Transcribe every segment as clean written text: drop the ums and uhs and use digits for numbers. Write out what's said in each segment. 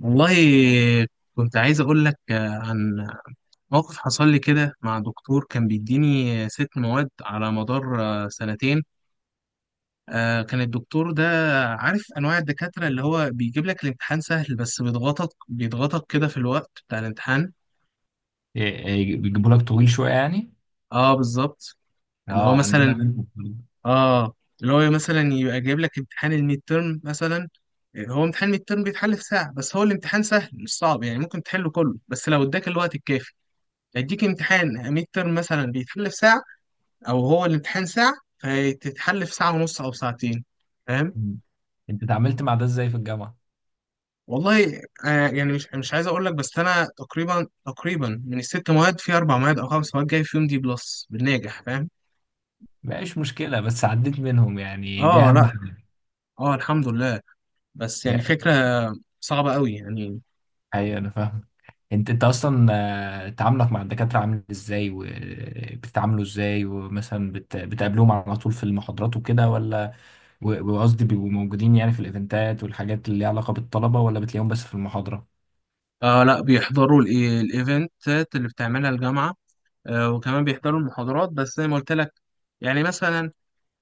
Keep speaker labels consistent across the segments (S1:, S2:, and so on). S1: والله، كنت عايز أقول لك عن موقف حصل لي كده مع دكتور كان بيديني ست مواد على مدار سنتين. كان الدكتور ده عارف أنواع الدكاترة اللي هو بيجيب لك الامتحان سهل، بس بيضغطك بيضغطك كده في الوقت بتاع الامتحان.
S2: إيه، بيجيبوا لك طويل شويه يعني.
S1: اه، بالظبط. اللي هو
S2: اه، عندنا
S1: مثلا
S2: منهم برضه.
S1: اه اللي هو مثلا يبقى جايب لك امتحان الميد تيرم مثلا. هو امتحان الميد تيرم بيتحل في ساعة، بس هو الامتحان سهل مش صعب يعني، ممكن تحله كله بس لو اداك الوقت الكافي. يديك امتحان ميد ترم مثلا بيتحل في ساعة، أو هو الامتحان ساعة فتتحل في ساعة ونص أو ساعتين. فاهم؟
S2: مم. انت اتعاملت مع ده ازاي في الجامعه؟
S1: والله، يعني مش عايز أقول لك، بس أنا تقريبا تقريبا من الست مواد في أربع مواد أو خمس مواد جاي فيهم دي بلس بالناجح. فاهم؟
S2: مبقاش مشكله، بس عديت منهم، يعني دي
S1: أه،
S2: اهم
S1: لأ.
S2: حاجه.
S1: أه، الحمد لله. بس يعني
S2: إيه،
S1: فكرة صعبة قوي يعني.
S2: ايوه انا فاهم. انت اصلا، تعاملك مع الدكاتره عامل ازاي وبتتعاملوا ازاي؟ ومثلا بتقابلوهم على طول في المحاضرات وكده ولا؟ وقصدي بيبقوا موجودين يعني في الايفنتات والحاجات اللي ليها علاقه بالطلبه، ولا بتلاقيهم بس في المحاضره؟
S1: لأ، بيحضروا الإيفنتات اللي بتعملها الجامعة. وكمان بيحضروا المحاضرات بس زي ما قلت لك. يعني مثلا،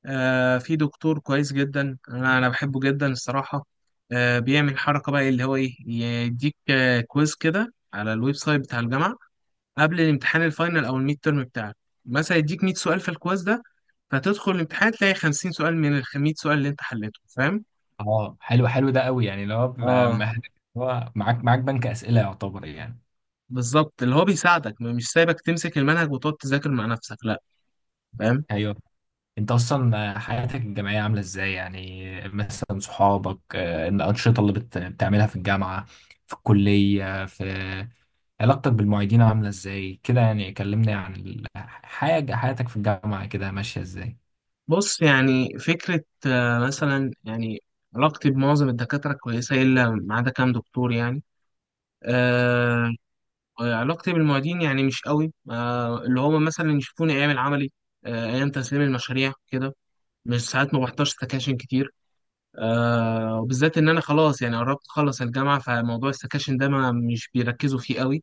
S1: في دكتور كويس جدا، انا بحبه جدا الصراحه. بيعمل حركه بقى اللي هو ايه، يديك كويز كده على الويب سايت بتاع الجامعه قبل الامتحان الفاينل او الميد تيرم بتاعك. مثلا يديك 100 سؤال في الكويز ده، فتدخل الامتحان تلاقي 50 سؤال من ال 100 سؤال اللي انت حليته. فاهم؟
S2: اه، حلو، حلو ده قوي يعني لو بيبقى
S1: اه،
S2: هو معاك بنك اسئله يعتبر يعني.
S1: بالظبط. اللي هو بيساعدك، مش سايبك تمسك المنهج وتقعد تذاكر مع نفسك، لا. فاهم؟
S2: ايوه، انت اصلا حياتك الجامعيه عامله ازاي؟ يعني مثلا صحابك، الانشطه اللي بتعملها في الجامعه، في الكليه، في علاقتك بالمعيدين عامله ازاي كده؟ يعني كلمني عن الحاجه، حياتك في الجامعه كده ماشيه ازاي.
S1: بص يعني فكره، مثلا يعني علاقتي بمعظم الدكاتره كويسه الا ما عدا كام دكتور يعني. آه علاقتي بالمعيدين يعني مش قوي. اللي هما مثلا يشوفوني ايام العملي، ايام تسليم المشاريع كده، مش ساعات. ما بحضرش سكاشن كتير، وبالذات ان انا خلاص يعني قربت اخلص الجامعه، فموضوع السكاشن ده ما مش بيركزوا فيه قوي.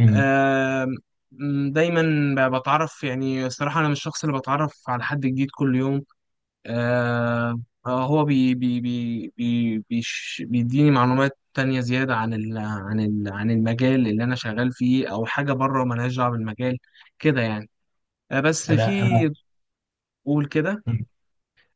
S2: امم
S1: آه دايما بتعرف يعني، الصراحه انا مش الشخص اللي بتعرف على حد جديد كل يوم. آه هو بي بي بي بي بيش بيديني معلومات تانية زيادة عن المجال اللي أنا شغال فيه، أو حاجة بره ملهاش دعوة بالمجال كده يعني. بس
S2: انا
S1: في،
S2: انا
S1: قول كده.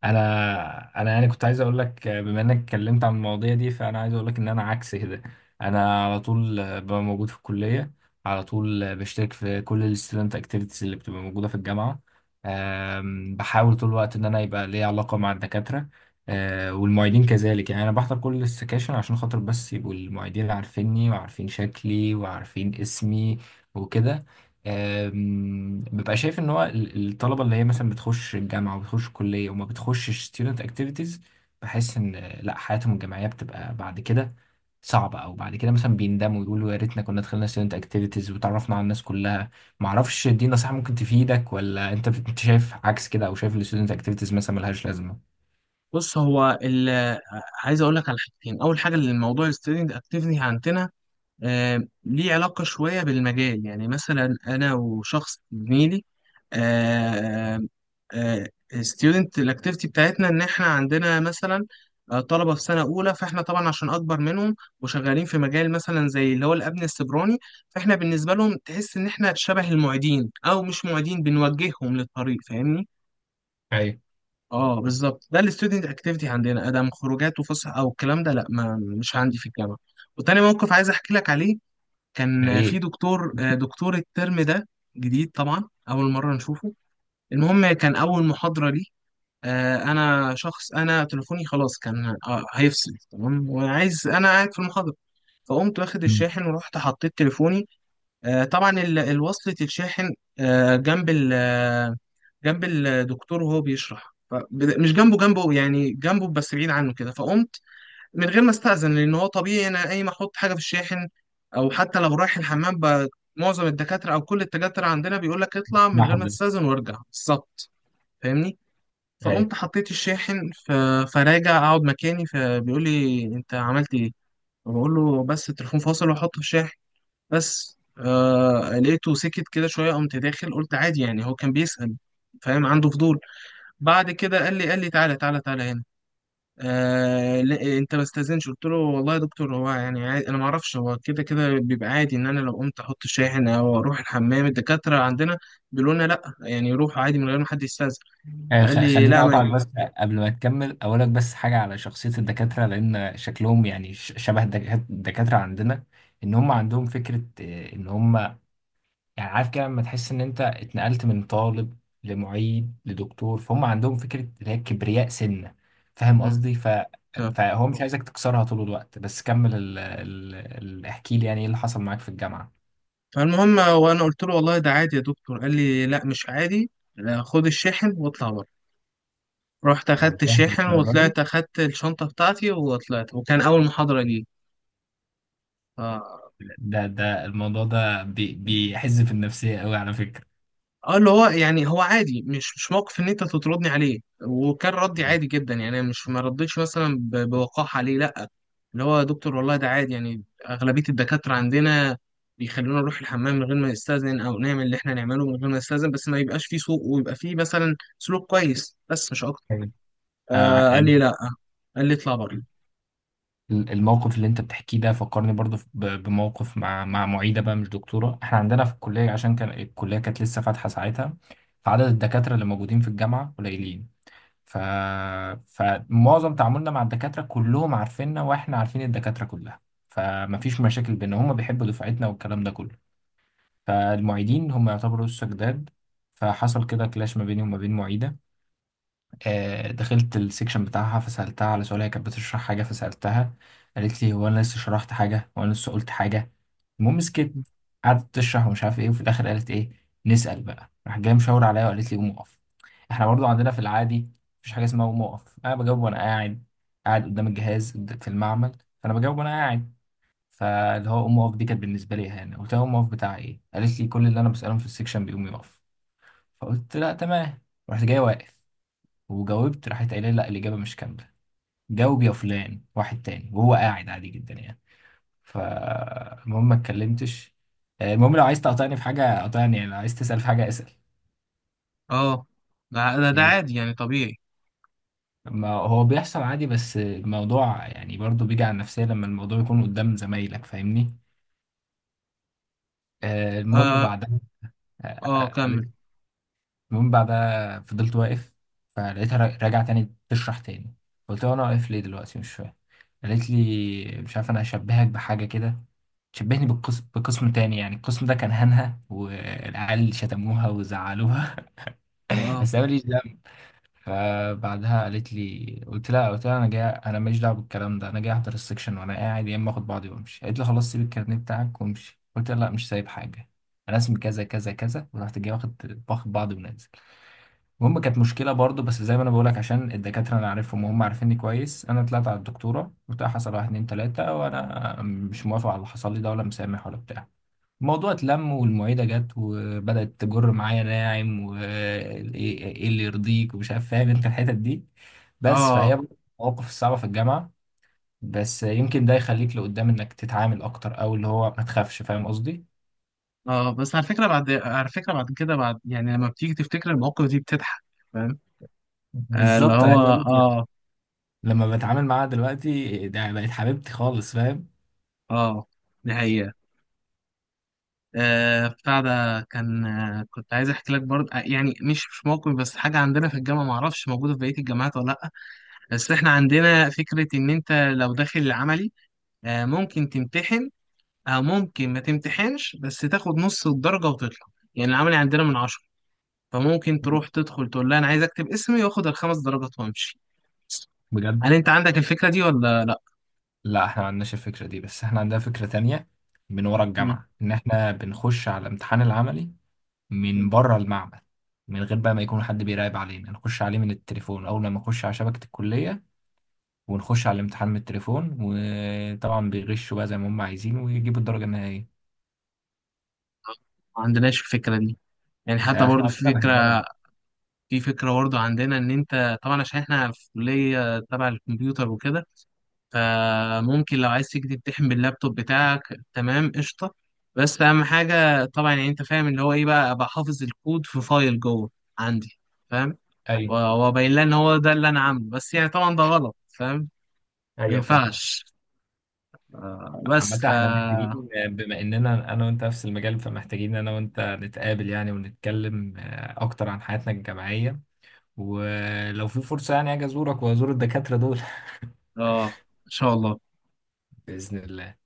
S2: انا يعني كنت عايز اقول لك، بما انك اتكلمت عن المواضيع دي، فانا عايز اقول لك ان انا عكس كده. انا على طول ببقى موجود في الكليه، على طول بشترك في كل الستودنت اكتيفيتيز اللي بتبقى موجوده في الجامعه. بحاول طول الوقت ان انا يبقى ليا علاقه مع الدكاتره، والمعيدين كذلك. يعني انا بحضر كل السكاشن عشان خاطر بس يبقوا المعيدين عارفيني وعارفين شكلي وعارفين اسمي، وكده. ببقى شايف ان هو الطلبه اللي هي مثلا بتخش الجامعه وبتخش الكليه وما بتخشش ستودنت اكتيفيتيز، بحس ان لا، حياتهم الجامعيه بتبقى بعد كده صعبه، او بعد كده مثلا بيندموا ويقولوا يا ريتنا كنا دخلنا ستودنت اكتيفيتيز وتعرفنا على الناس كلها. ما اعرفش، دي نصيحه ممكن تفيدك، ولا انت انت شايف عكس كده، او شايف الستودنت اكتيفيتيز مثلا ملهاش لازمه؟
S1: بص هو عايز أقول لك على حاجتين. أول حاجة، اللي الموضوع الستودنت أكتيفني عندنا ليه علاقة شوية بالمجال. يعني مثلا أنا وشخص زميلي، ستودنت الاكتيفيتي بتاعتنا إن إحنا عندنا مثلا طلبة في سنة أولى، فإحنا طبعا عشان أكبر منهم وشغالين في مجال مثلا زي اللي هو الأمن السيبراني، فإحنا بالنسبة لهم تحس إن إحنا شبه المعيدين أو مش معيدين، بنوجههم للطريق. فاهمني؟
S2: ايوه،
S1: اه، بالظبط، ده الستودنت اكتيفيتي عندنا. ادم خروجات وفسح او الكلام ده لا، ما مش عندي في الجامعه. وتاني موقف عايز احكي لك عليه،
S2: يا
S1: كان في
S2: ريت.
S1: دكتور، دكتور الترم ده جديد طبعا، اول مره نشوفه. المهم، كان اول محاضره لي، انا شخص، انا تليفوني خلاص كان هيفصل تمام، وعايز، انا قاعد في المحاضره، فقمت واخد
S2: مم.
S1: الشاحن ورحت حطيت تليفوني. طبعا الوصلة الشاحن جنب ال آه، جنب الدكتور وهو بيشرح. مش جنبه جنبه، يعني جنبه بس بعيد عنه كده. فقمت من غير ما استأذن، لأن هو طبيعي أنا أي ما أحط حاجة في الشاحن أو حتى لو رايح الحمام، معظم الدكاترة أو كل الدكاترة عندنا بيقول لك اطلع من غير
S2: اسمعهم
S1: ما
S2: دول.
S1: تستأذن وارجع بالظبط. فاهمني؟
S2: ايوه.
S1: فقمت حطيت الشاحن، فراجع أقعد مكاني. فبيقول لي، أنت عملت إيه؟ بقول له، بس التليفون فاصل وأحطه في الشاحن. بس لقيته سكت كده شوية، قمت داخل قلت عادي يعني، هو كان بيسأل. فاهم؟ عنده فضول. بعد كده قال لي تعالى تعالى تعالى هنا، لا انت ما استاذنش. قلت له، والله يا دكتور هو يعني عادي، انا ما اعرفش، هو كده كده بيبقى عادي ان انا لو قمت احط شاحن او اروح الحمام. الدكاتره عندنا بيقولوا لنا لا، يعني روح عادي من غير ما حد يستاذن. فقال لي
S2: خليني طيب
S1: لا، ما ينفع.
S2: اقطعك بس قبل ما تكمل. اقول لك بس حاجه على شخصيه الدكاتره، لان شكلهم يعني شبه الدكاتره عندنا، ان هم عندهم فكره، ان هم يعني، عارف كده لما تحس ان انت اتنقلت من طالب لمعيد لدكتور، فهم عندهم فكره اللي هي كبرياء سنه. فاهم
S1: مم.
S2: قصدي
S1: طب.
S2: فهو مش عايزك تكسرها طول الوقت. بس كمل احكي لي يعني ايه اللي حصل معاك في الجامعه.
S1: فالمهم، وانا قلت له والله ده عادي يا دكتور، قال لي لا مش عادي، لا، خد الشاحن واطلع بره. رحت اخدت
S2: والله،
S1: الشاحن
S2: للدرجه دي؟
S1: وطلعت، اخدت الشنطه بتاعتي وطلعت، وكان اول محاضره لي.
S2: ده الموضوع ده بيحز في النفسيه قوي على فكره.
S1: اه، اللي هو يعني هو عادي، مش موقف ان انت تطردني عليه، وكان ردي عادي جدا، يعني انا مش ما ردتش مثلا بوقاحه عليه، لا، اللي هو يا دكتور والله ده عادي يعني. اغلبيه الدكاتره عندنا بيخلونا نروح الحمام من غير ما نستاذن او نعمل اللي احنا نعمله من غير ما نستاذن، بس ما يبقاش فيه سوء، ويبقى فيه مثلا سلوك كويس، بس مش اكتر. قال لي
S2: يعني
S1: لا، قال لي اطلع بره.
S2: الموقف اللي انت بتحكيه ده فكرني برضو بموقف مع مع معيده بقى، مش دكتوره. احنا عندنا في الكليه، عشان كان الكليه كانت لسه فاتحه ساعتها، فعدد الدكاتره اللي موجودين في الجامعه قليلين، ف... فمعظم تعاملنا مع الدكاتره كلهم عارفيننا واحنا عارفين الدكاتره كلها، فمفيش مشاكل بينا، هم بيحبوا دفعتنا والكلام ده كله. فالمعيدين هم يعتبروا لسه جداد. فحصل كده كلاش ما بيني وما بين معيده. دخلت السكشن بتاعها فسألتها على سؤال، هي كانت بتشرح حاجة فسألتها، قالت لي: هو أنا لسه شرحت حاجة؟ هو أنا لسه قلت حاجة؟ المهم سكت، قعدت تشرح ومش عارف إيه، وفي الآخر قالت: إيه نسأل بقى؟ راح جاية مشاور عليا وقالت لي: قوم اقف. إحنا برضو عندنا في العادي مفيش حاجة اسمها قوم اقف، أنا بجاوب وأنا قاعد، قاعد قدام الجهاز في المعمل، فأنا بجاوب وأنا قاعد. فاللي هو قوم اقف دي كانت بالنسبة لي يعني، قلت لها: قوم اقف بتاع إيه؟ قالت لي: كل اللي أنا بسألهم في السكشن بيقوم يقف. فقلت: لا، تمام. رحت جاي واقف وجاوبت، راحت قايله لي: لا، الاجابه مش كامله، جاوب يا فلان. واحد تاني وهو قاعد عادي جدا يعني. فالمهم ما اتكلمتش. المهم، لو عايز تقاطعني في حاجه قاطعني، يعني لو عايز تسال في حاجه اسال.
S1: اه، ده
S2: يعني
S1: عادي يعني طبيعي.
S2: ما هو بيحصل عادي، بس الموضوع يعني برضو بيجي على النفسيه لما الموضوع يكون قدام زمايلك، فاهمني. آه، المهم
S1: اه
S2: بعدها آه،
S1: اه،
S2: آه،
S1: كمل.
S2: آه، المهم بعدها فضلت واقف، فلقيتها راجعه تاني تشرح تاني، قلت لها: انا واقف ليه دلوقتي؟ مش فاهم. قالت لي: مش عارف، انا هشبهك بحاجه كده. شبهني بالقسم، بقسم تاني يعني، القسم ده كان هنها والعيال شتموها وزعلوها.
S1: اه
S2: بس انا ماليش دعوه. فبعدها قالت لي، قلت لها: انا جاي، انا ماليش دعوه بالكلام ده، انا جاي احضر السكشن وانا قاعد، يا اما اخد بعضي وامشي. قالت لي: خلاص، سيب الكارنيه بتاعك وامشي. قلت لها: لا، مش سايب حاجه، انا اسمي كذا كذا كذا. ورحت جاي واخد، باخد بعضي ونازل. المهم كانت مشكله برضو، بس زي ما انا بقولك، عشان الدكاتره انا عارفهم وهم عارفيني كويس، انا طلعت على الدكتوره قلت لها: حصل واحد اتنين تلاته، وانا مش موافق على اللي حصل لي ده، ولا مسامح ولا بتاع. الموضوع اتلم، والمعيدة جت وبدأت تجر معايا ناعم، وايه إيه إيه اللي يرضيك ومش عارف، فاهم انت الحتت دي. بس
S1: اه
S2: فهي برضه المواقف الصعبة في الجامعة، بس يمكن ده يخليك لقدام انك تتعامل اكتر، او اللي هو ما تخافش، فاهم قصدي.
S1: اه، بس على فكرة بعد، على فكرة بعد كده، بعد يعني لما بتيجي تفتكر المواقف دي بتضحك. فاهم؟ اللي
S2: بالظبط، انا
S1: هو
S2: عايز اقول لك
S1: اه.
S2: لما بتعامل معاها دلوقتي ده بقت حبيبتي خالص، فاهم.
S1: اه، دي حقيقة. بتاع ده كان، كنت عايز احكي لك برضه، يعني مش موقف بس حاجة عندنا في الجامعة، معرفش موجودة في بقية الجامعات ولا لأ. بس احنا عندنا فكرة، ان انت لو داخل العملي ممكن تمتحن، او ممكن ما تمتحنش بس تاخد نص الدرجة وتطلع. يعني العملي عندنا من 10، فممكن تروح تدخل تقول لها انا عايز اكتب اسمي واخد الخمس درجات وامشي. هل
S2: بجد.
S1: انت عندك الفكره دي ولا لا؟
S2: لا، احنا ما عندناش الفكرة دي، بس احنا عندنا فكرة تانية من ورا
S1: مم.
S2: الجامعة، ان احنا بنخش على امتحان العملي من
S1: ما
S2: بره المعمل، من غير بقى ما يكون حد بيراقب علينا، نخش عليه من التليفون، اول لما نخش على شبكة الكلية ونخش على الامتحان من التليفون، وطبعا بيغشوا بقى زي ما هم عايزين ويجيبوا الدرجة النهائية.
S1: عندناش الفكره دي. يعني حتى
S2: ده احنا
S1: برضو في
S2: عندنا
S1: فكره،
S2: بهدلة.
S1: برضو عندنا ان انت طبعا عشان احنا في كليه تبع الكمبيوتر وكده، فممكن لو عايز تيجي تمتحن باللابتوب بتاعك، تمام، قشطه. بس اهم حاجه طبعا يعني، انت فاهم اللي هو ايه بقى، ابقى حافظ الكود في فايل جوه عندي. فاهم؟
S2: ايوه.
S1: وابين لها ان هو ده اللي انا عامله، بس يعني طبعا ده غلط. فاهم؟ ما
S2: ايوه فاهم.
S1: ينفعش. آه، بس
S2: عامة،
S1: ف
S2: احنا محتاجين بما اننا انا وانت نفس المجال، فمحتاجين انا وانت نتقابل يعني ونتكلم اكتر عن حياتنا الجامعية، ولو في فرصة يعني اجي ازورك وازور الدكاترة دول.
S1: اه، ان شاء الله.
S2: بإذن الله.